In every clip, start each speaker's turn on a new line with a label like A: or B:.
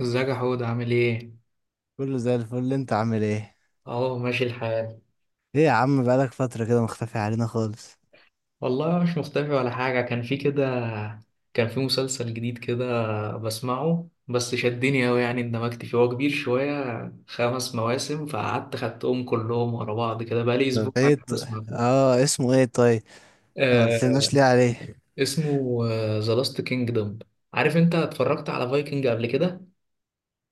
A: ازيك يا حود عامل ايه؟
B: كله زي الفل. انت عامل ايه؟
A: اهو ماشي الحال.
B: ايه يا عم، بقالك فترة كده مختفي علينا خالص.
A: والله مش مختفي ولا حاجة، كان في كده، كان في مسلسل جديد كده بسمعه، بس شدني أوي، يعني اندمجت فيه، هو كبير شوية خمس مواسم، فقعدت خدتهم كلهم ورا بعض كده، بقالي أسبوع
B: طب
A: قاعد
B: ايه ط...
A: بسمع فيه.
B: اه اسمه ايه طيب؟ ما
A: آه،
B: قلتلناش ليه عليه.
A: اسمه ذا لاست كينجدوم. عارف انت اتفرجت على فايكنج قبل كده؟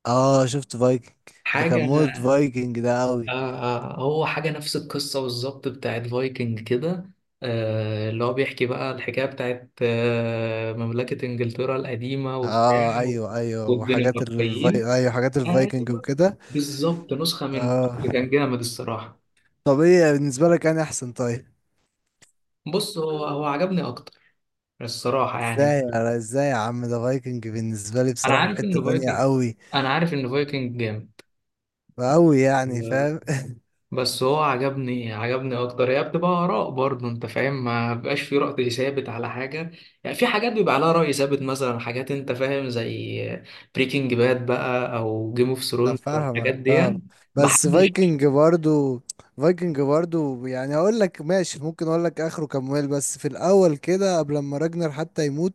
B: اه شفت فايكنج. ده كان
A: حاجة.
B: مود فايكنج ده
A: آه.
B: قوي.
A: آه، هو حاجة نفس القصة بالظبط بتاعت فايكنج كده. آه اللي هو بيحكي بقى الحكاية بتاعت مملكة إنجلترا القديمة وبتاع
B: اه ايوه ايوه وحاجات
A: والدنماركيين.
B: ايوه حاجات الفايكنج
A: أيوه،
B: وكده.
A: بالظبط نسخة منه.
B: اه،
A: كان جامد الصراحة.
B: طب ايه بالنسبة لك، انا احسن طيب؟
A: بص، هو عجبني أكتر الصراحة يعني.
B: ازاي يا عم؟ ده فايكنج بالنسبة لي
A: أنا
B: بصراحة في
A: عارف
B: حتة
A: إن
B: تانية
A: فايكنج،
B: قوي،
A: جامد،
B: قوي يعني فاهم.
A: بس هو عجبني، اكتر، هي بتبقى اراء برضه، انت فاهم، ما بيبقاش في رأي ثابت على حاجه. يعني في حاجات بيبقى عليها رأي ثابت، مثلا حاجات انت فاهم زي بريكنج باد بقى او جيم اوف
B: انا
A: ثرونز او الحاجات
B: فاهمك
A: دي.
B: فاهم،
A: ما
B: بس
A: حدش.
B: فايكنج برضو، فايكنج برضو يعني اقول لك ماشي، ممكن اقول لك اخره كمل، بس في الاول كده قبل ما راجنر حتى يموت،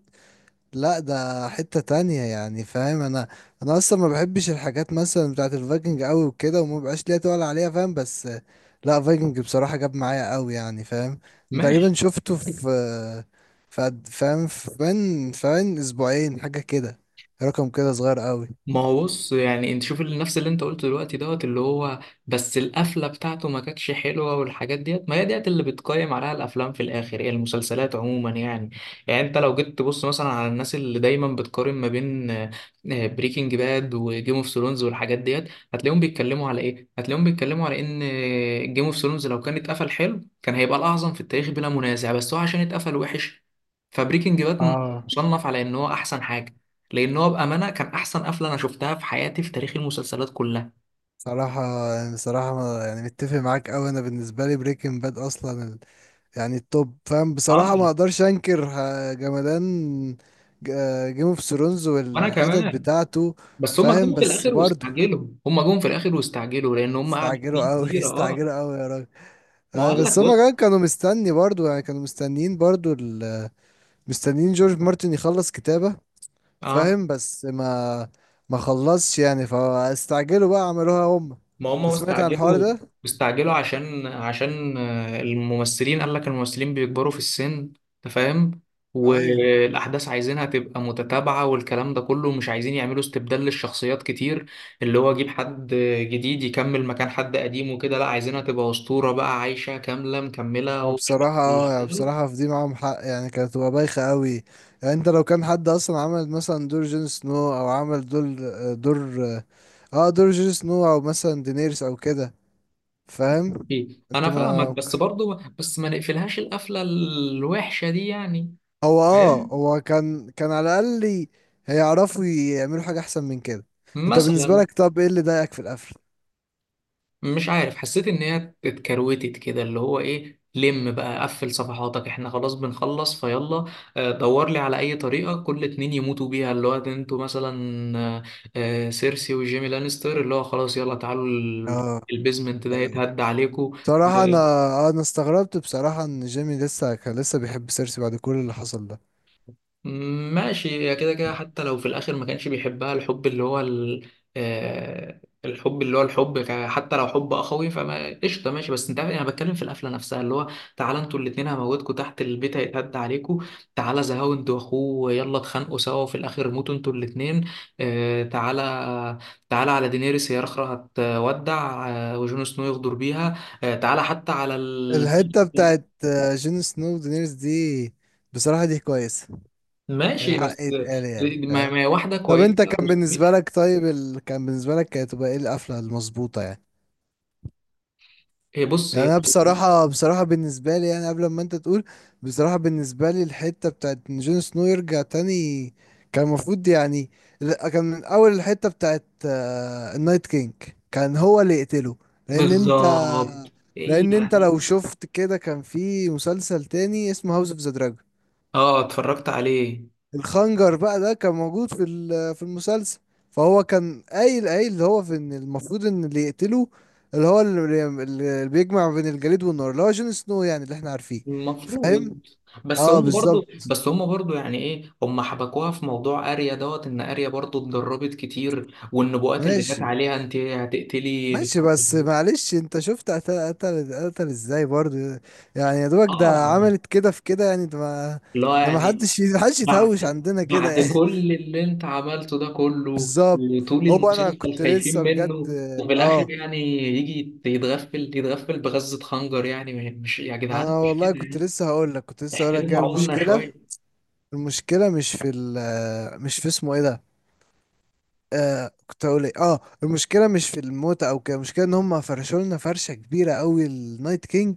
B: لا ده حتة تانية يعني فاهم. انا انا اصلا ما بحبش الحاجات مثلا بتاعت الفايكنج قوي وكده، وما بقاش ليا تقول عليها فاهم، بس لا فايكنج بصراحة جاب معايا قوي يعني فاهم. تقريبا شفته في، فاهم، في من فاهم اسبوعين حاجة كده، رقم كده صغير قوي.
A: ما هو بص، يعني انت شوف نفس اللي انت قلته دلوقتي، دوت اللي هو، بس القفله بتاعته ما كانتش حلوه، والحاجات ديت ما هي ديت اللي بتقيم عليها الافلام في الاخر، هي المسلسلات عموما يعني. يعني انت لو جيت تبص مثلا على الناس اللي دايما بتقارن ما بين بريكنج باد وجيم اوف ثرونز والحاجات ديت، هتلاقيهم بيتكلموا على ايه؟ هتلاقيهم بيتكلموا على ان جيم اوف ثرونز لو كان اتقفل حلو كان هيبقى الاعظم في التاريخ بلا منازع، بس هو عشان اتقفل وحش، فبريكنج باد
B: اه،
A: مصنف على ان هو احسن حاجه، لان هو بامانه كان احسن قفله انا شفتها في حياتي في تاريخ المسلسلات كلها.
B: صراحة يعني، صراحة يعني متفق معاك أوي. أنا بالنسبة لي بريكنج باد أصلا يعني التوب، فاهم
A: اه،
B: بصراحة ما أقدرش أنكر. آه، جمدان. جيم اوف ثرونز
A: وانا
B: والحتت
A: كمان.
B: بتاعته
A: بس هم
B: فاهم،
A: جم في
B: بس
A: الاخر
B: برضه
A: واستعجلوا، هم جم في الاخر واستعجلوا، لان هم قعدوا سنين
B: استعجلوا
A: كتيره
B: أوي.
A: كتير. اه.
B: استعجلوا أوي يا راجل.
A: ما هو
B: آه،
A: قال لك
B: بس هما
A: بص.
B: كمان كانوا مستني برضه، يعني كانوا مستنيين برضه مستنيين جورج مارتن يخلص كتابة،
A: اه،
B: فاهم، بس ما خلصش يعني، فاستعجلوا بقى عملوها هما.
A: ما هم
B: أنت
A: طب
B: سمعت عن الحوار
A: استعجلوا،
B: ده؟
A: استعجلوا عشان الممثلين، قال لك الممثلين بيكبروا في السن، انت فاهم،
B: ايوه.
A: والاحداث عايزينها تبقى متتابعه والكلام ده كله، مش عايزين يعملوا استبدال للشخصيات كتير، اللي هو اجيب حد جديد يكمل مكان حد قديم وكده، لا عايزينها تبقى اسطوره بقى عايشه كامله مكمله،
B: ما
A: هو مش بس
B: بصراحة اه،
A: اللي
B: يعني
A: شغال.
B: بصراحة في دي معاهم حق، يعني كانت تبقى بايخة قوي. يعني انت لو كان حد اصلا عمل مثلا دور جون سنو، او عمل دور، دور اه دور جون سنو، او مثلا دينيرس او كده، فاهم
A: إيه،
B: انت
A: انا فاهمك
B: ما
A: بس برضو، بس ما نقفلهاش القفله الوحشه دي يعني.
B: هو اه،
A: فاهم،
B: هو كان كان على الاقل هيعرفوا يعملوا حاجة احسن من كده. انت بالنسبة
A: مثلا.
B: لك طب ايه اللي ضايقك في القفل؟
A: مش عارف، حسيت ان هي اتكروتت كده اللي هو ايه، لم بقى قفل صفحاتك احنا خلاص بنخلص فيلا. دور لي على اي طريقه كل اتنين يموتوا بيها اللي هو ده، انتوا مثلا سيرسي وجيمي لانستر اللي هو خلاص يلا تعالوا
B: اه
A: البيزمنت ده
B: ايوه
A: يتهد عليكم.
B: بصراحة. انا آه، انا استغربت بصراحة ان جيمي لسه كان لسه بيحب سيرسي بعد كل اللي حصل ده.
A: ماشي، هي كده كده حتى لو في الاخر ما كانش بيحبها الحب اللي هو الحب اللي هو الحب حتى لو حب اخوي، فما قشطه ماشي، بس انت عارف انا بتكلم في القفله نفسها اللي هو: تعالى انتوا الاثنين هموتكم تحت البيت هيتهد عليكم، تعالى زهاو انت واخوه يلا اتخانقوا سوا وفي الاخر موتوا انتوا الاثنين، تعالى، تعالى على دينيريس هي اخرى هتودع وجون سنو يغدر بيها، تعالى حتى على
B: الحتة بتاعت جون سنو ودينيرز دي بصراحة دي كويسة،
A: ماشي
B: الحق
A: بس.
B: يتقال يعني
A: ما
B: فاهم.
A: ما هي واحده
B: طب
A: كويسه
B: انت كان
A: 300.
B: بالنسبة لك طيب، كان بالنسبة لك كانت تبقى ايه القفلة المظبوطة يعني؟
A: هي بص
B: يعني
A: هي.
B: انا بصراحه بالنسبه لي، يعني قبل ما انت تقول، بصراحه بالنسبه لي الحته بتاعت إن جون سنو يرجع تاني كان المفروض، يعني لا، كان من اول الحته بتاعت آه، النايت كينج كان هو اللي يقتله. لان انت
A: بالظبط ايه
B: لان انت
A: يعني.
B: لو شفت كده، كان في مسلسل تاني اسمه هاوس اوف ذا دراجون،
A: اه، اتفرجت عليه.
B: الخنجر بقى ده كان موجود في في المسلسل. فهو كان قايل اللي هو، في ان المفروض ان اللي يقتله، اللي هو اللي بيجمع بين الجليد والنار، اللي هو جون سنو يعني، اللي احنا عارفيه
A: المفروض.
B: فاهم.
A: بس
B: اه
A: هم برضو،
B: بالظبط.
A: يعني ايه، هم حبكوها في موضوع اريا، دوت ان اريا برضو اتدربت كتير والنبوءات اللي جت
B: ماشي،
A: عليها انت هتقتلي
B: ماشي
A: بتاع.
B: بس معلش انت شفت قتل ازاي برضو، يعني يا دوبك ده
A: اه.
B: عملت كده في كده، يعني ده ما،
A: لا
B: ده ما
A: يعني.
B: حدش يتهوش
A: بعد
B: عندنا كده
A: بعد
B: يعني.
A: كل اللي انت عملته ده كله
B: بالظبط.
A: وطول
B: هو انا كنت
A: المسلسل خايفين
B: لسه
A: منه،
B: بجد.
A: وفي
B: اه،
A: الاخر يعني يجي يتغفل، بغزة خنجر، يعني مش يا جدعان
B: انا
A: مش
B: والله
A: كده
B: كنت
A: يعني.
B: لسه هقول لك، كنت لسه هقول لك
A: احترموا
B: هي
A: عقولنا
B: المشكله.
A: شوية.
B: المشكله مش في اسمه ايه ده. آه كنت هقول ايه؟ اه المشكله مش في الموت او كده، المشكله ان هم فرشوا لنا فرشه كبيره قوي النايت كينج،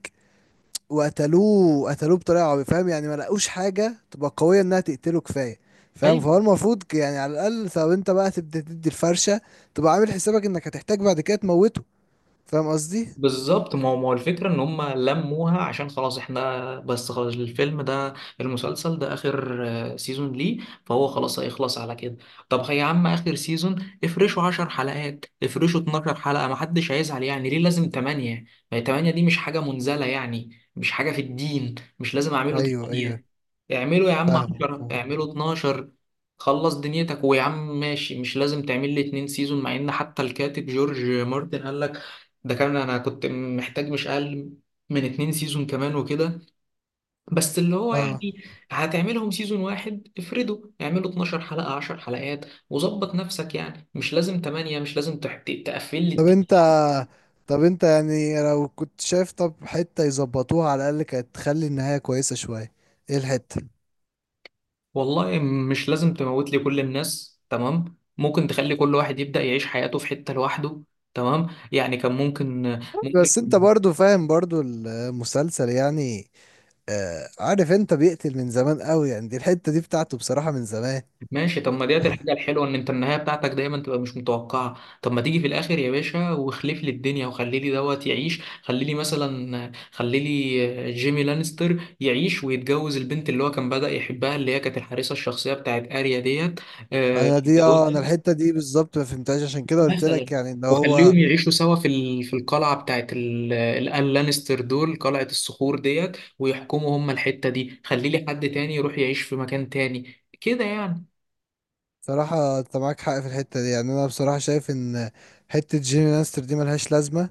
B: وقتلوه، قتلوه بطريقه عبيطه، فاهم يعني ما لقوش حاجه تبقى قويه انها تقتله كفايه، فاهم. فهو
A: أيوة
B: المفروض يعني على الاقل، طب انت بقى تبدا تدي الفرشه، تبقى عامل حسابك انك هتحتاج بعد كده تموته، فاهم قصدي؟
A: بالظبط، ما هو الفكرة ان هم لموها عشان خلاص احنا، بس خلاص، الفيلم ده، المسلسل ده اخر سيزون ليه، فهو خلاص هيخلص على كده. طب يا عم اخر سيزون افرشوا 10 حلقات، افرشوا 12 حلقة، ما حدش هيزعل، يعني ليه لازم 8؟ ما هي 8 دي مش حاجة منزلة، يعني مش حاجة في الدين مش لازم اعمله
B: ايوه ايوه،
A: 8، اعمله يا عم
B: فاهم
A: 10،
B: فاهم.
A: اعمله 12، خلص دنيتك ويا عم ماشي، مش لازم تعمل لي اتنين سيزون، مع ان حتى الكاتب جورج مارتن قال ده، كان انا كنت محتاج مش اقل من اتنين سيزون كمان وكده، بس اللي هو
B: اه،
A: يعني هتعملهم سيزون واحد افرده اعمله 12 حلقة، 10 حلقات وظبط نفسك، يعني مش لازم 8، مش لازم تقفل لي
B: طب انت،
A: الدنيا.
B: طب انت يعني لو كنت شايف طب حتة يظبطوها على الأقل كانت تخلي النهاية كويسة شوية، ايه الحتة؟
A: والله مش لازم تموت لي كل الناس، تمام، ممكن تخلي كل واحد يبدأ يعيش حياته في حتة لوحده، تمام، يعني كان ممكن، ممكن.
B: بس انت برضو فاهم برضو المسلسل يعني، آه عارف انت بيقتل من زمان قوي يعني، دي الحتة دي بتاعته بصراحة من زمان.
A: ماشي، طب ما ديت الحاجة الحلوة ان انت النهاية بتاعتك دايما تبقى مش متوقعة، طب ما تيجي في الاخر يا باشا واخلف لي الدنيا، وخلي لي دوت يعيش، خلي لي مثلا خلي لي جيمي لانستر يعيش ويتجوز البنت اللي هو كان بدأ يحبها اللي هي كانت الحارسة الشخصية بتاعت اريا ديت،
B: انا دي اه، انا
A: يتجوزها
B: الحتة دي بالظبط ما فهمتهاش، عشان كده قلت
A: مثلا،
B: لك يعني ان هو،
A: وخليهم يعيشوا سوا في في القلعة بتاعت الآل لانستر دول، قلعة الصخور ديت، ويحكموا هم الحتة دي، خلي لي حد تاني يروح يعيش في مكان تاني كده يعني.
B: بصراحة انت معاك حق في الحتة دي، يعني انا بصراحة شايف ان حتة جيمي لانستر دي ملهاش لازمة،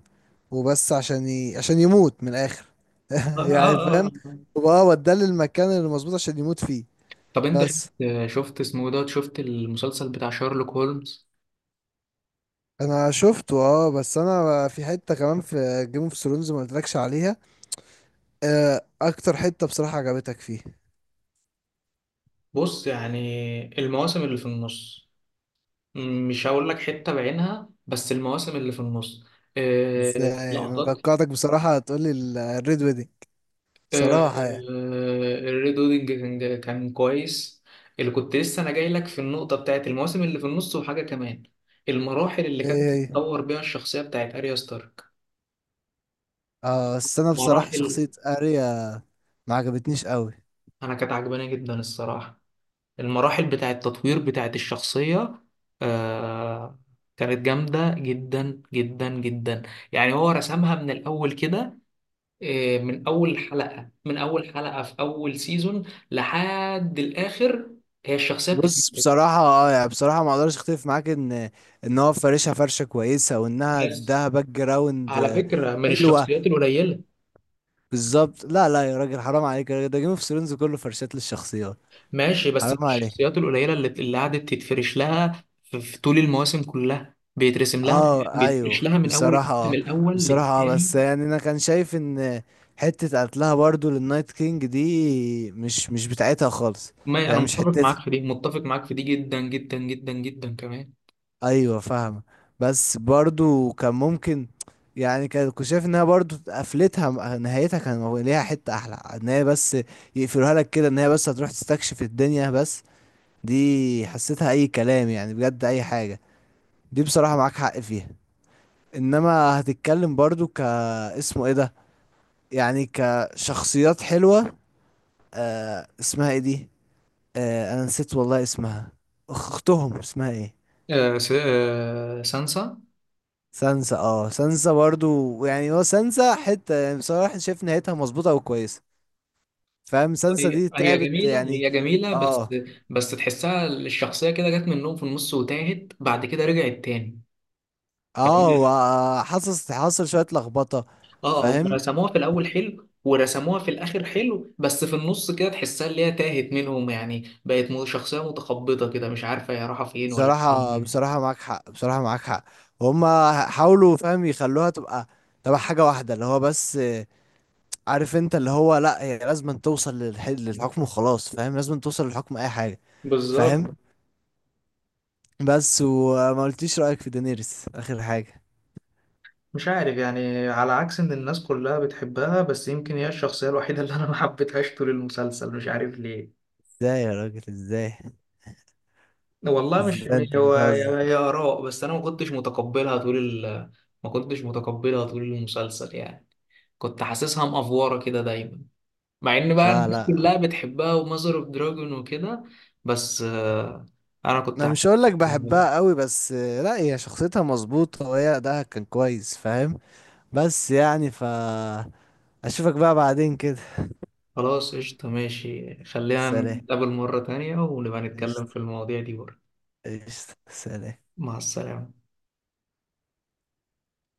B: وبس عشان يموت من الاخر.
A: اه
B: يعني
A: اه
B: فاهم، وبقى وداه للمكان اللي مظبوط عشان يموت فيه.
A: طب انت شفت،
B: بس
A: اسمه ده، شفت المسلسل بتاع شارلوك هولمز.
B: انا شفته اه، بس انا في حته كمان في جيم اوف ثرونز ما قلتلكش عليها. آه، اكتر حته بصراحه عجبتك فيه؟
A: بص، يعني المواسم اللي في النص، مش هقول لك حتة بعينها، بس المواسم اللي في النص
B: ازاي، انا
A: لقطات.
B: توقعتك بصراحه هتقولي الريد ويدنج،
A: آه،
B: بصراحه يعني.
A: الريد ويدنج، كان كويس، اللي كنت لسه انا جاي لك في النقطة بتاعت المواسم اللي في النص وحاجة كمان، المراحل اللي كانت
B: ايه هي؟
A: بتتطور بيها الشخصية بتاعت اريا ستارك،
B: اه بس انا بصراحه شخصيه
A: مراحل.
B: اريا ما عجبتنيش قوي.
A: انا كانت عجباني جدا الصراحة، المراحل بتاعة التطوير بتاعة الشخصية، آه، كانت جامدة جدا جدا جدا، يعني هو رسمها من الأول كده، آه، من أول حلقة، في أول سيزون لحد الآخر، هي الشخصية بتتكلم،
B: بص، بصراحة اه، يعني بصراحة ما اقدرش اختلف معاك ان، ان هو فارشها فرشة كويسة وانها
A: بس
B: اداها باك جراوند،
A: على
B: آه،
A: فكرة من
B: حلوة.
A: الشخصيات القليلة.
B: بالظبط، لا لا يا راجل حرام عليك، يا راجل ده جيم اوف ثرونز كله فرشات للشخصيات،
A: ماشي، بس من
B: حرام عليك.
A: الشخصيات القليلة اللي قعدت تتفرش لها في طول المواسم كلها بيترسم لها،
B: اه ايوه
A: من أول
B: بصراحة
A: الموسم
B: اه،
A: الأول
B: بصراحة اه،
A: للتاني.
B: بس يعني انا كان شايف ان حتة قتلها برضو للنايت كينج دي مش، مش بتاعتها خالص،
A: ما انا
B: يعني مش
A: متفق
B: حتتها،
A: معاك في دي، جدا جدا جدا جدا كمان.
B: ايوه فاهمة. بس برضو كان ممكن، يعني كنت شايف انها برضو قفلتها نهايتها كان ليها حتة احلى، ان هي بس يقفلوها لك كده ان هي بس هتروح تستكشف الدنيا بس، دي حسيتها اي كلام يعني بجد اي حاجة، دي بصراحة معاك حق فيها. انما هتتكلم برضو ك اسمه ايه ده، يعني كشخصيات حلوة، آه اسمها ايه دي، آه انا نسيت والله اسمها، اختهم اسمها ايه؟
A: آه سانسا.
B: سانسا، اه سانسا برضو، يعني هو سانسا حتة يعني بصراحة شايف نهايتها مظبوطة وكويسة، فاهم سانسا
A: هي
B: دي
A: هي
B: تعبت
A: جميله،
B: يعني.
A: بس
B: اه
A: بس تحسها الشخصيه كده جت منهم في النص وتاهت، بعد كده رجعت تاني
B: اه،
A: يعني.
B: وحصل حصل شوية لخبطة
A: اه، هم
B: فاهم.
A: رسموها في الاول حلو، ورسموها في الاخر حلو، بس في النص كده تحسها اللي هي تاهت منهم يعني، بقت شخصيه متخبطه كده، مش عارفه هي رايحه فين ولا
B: بصراحة،
A: فين.
B: بصراحة معاك حق، بصراحة معاك حق، هما حاولوا فاهم يخلوها تبقى، تبقى حاجة واحدة اللي هو بس، آه، عارف انت اللي هو لا، هي لازم توصل للحكم وخلاص، فاهم لازم توصل للحكم اي حاجة،
A: بالظبط.
B: فاهم. بس وما قلتيش رأيك في دينيريس اخر حاجة؟
A: مش عارف يعني، على عكس ان الناس كلها بتحبها، بس يمكن هي الشخصية الوحيدة اللي انا ما حبيتهاش طول المسلسل، مش عارف ليه.
B: ازاي يا راجل ازاي؟
A: والله مش،
B: ازاي انت
A: هو
B: بتهزر؟
A: يا يا آراء، بس انا ما كنتش متقبلها طول ال... ما كنتش متقبلها طول المسلسل يعني، كنت حاسسها مأفورة كده دايما، مع ان بقى
B: لا
A: الناس
B: لا،
A: كلها بتحبها، وماذر اوف دراجون وكده، بس انا كنت
B: انا مش
A: حاسسها
B: هقول لك
A: متقبلها.
B: بحبها قوي، بس لا هي شخصيتها مظبوطة وهي أداءها كان كويس فاهم، بس يعني ف، اشوفك بقى بعدين كده،
A: خلاص قشطة ماشي، خلينا
B: سلام،
A: نتقابل مرة تانية ونبقى نتكلم في
B: قشطة،
A: المواضيع دي برضه.
B: قشطة سلام.
A: مع السلامة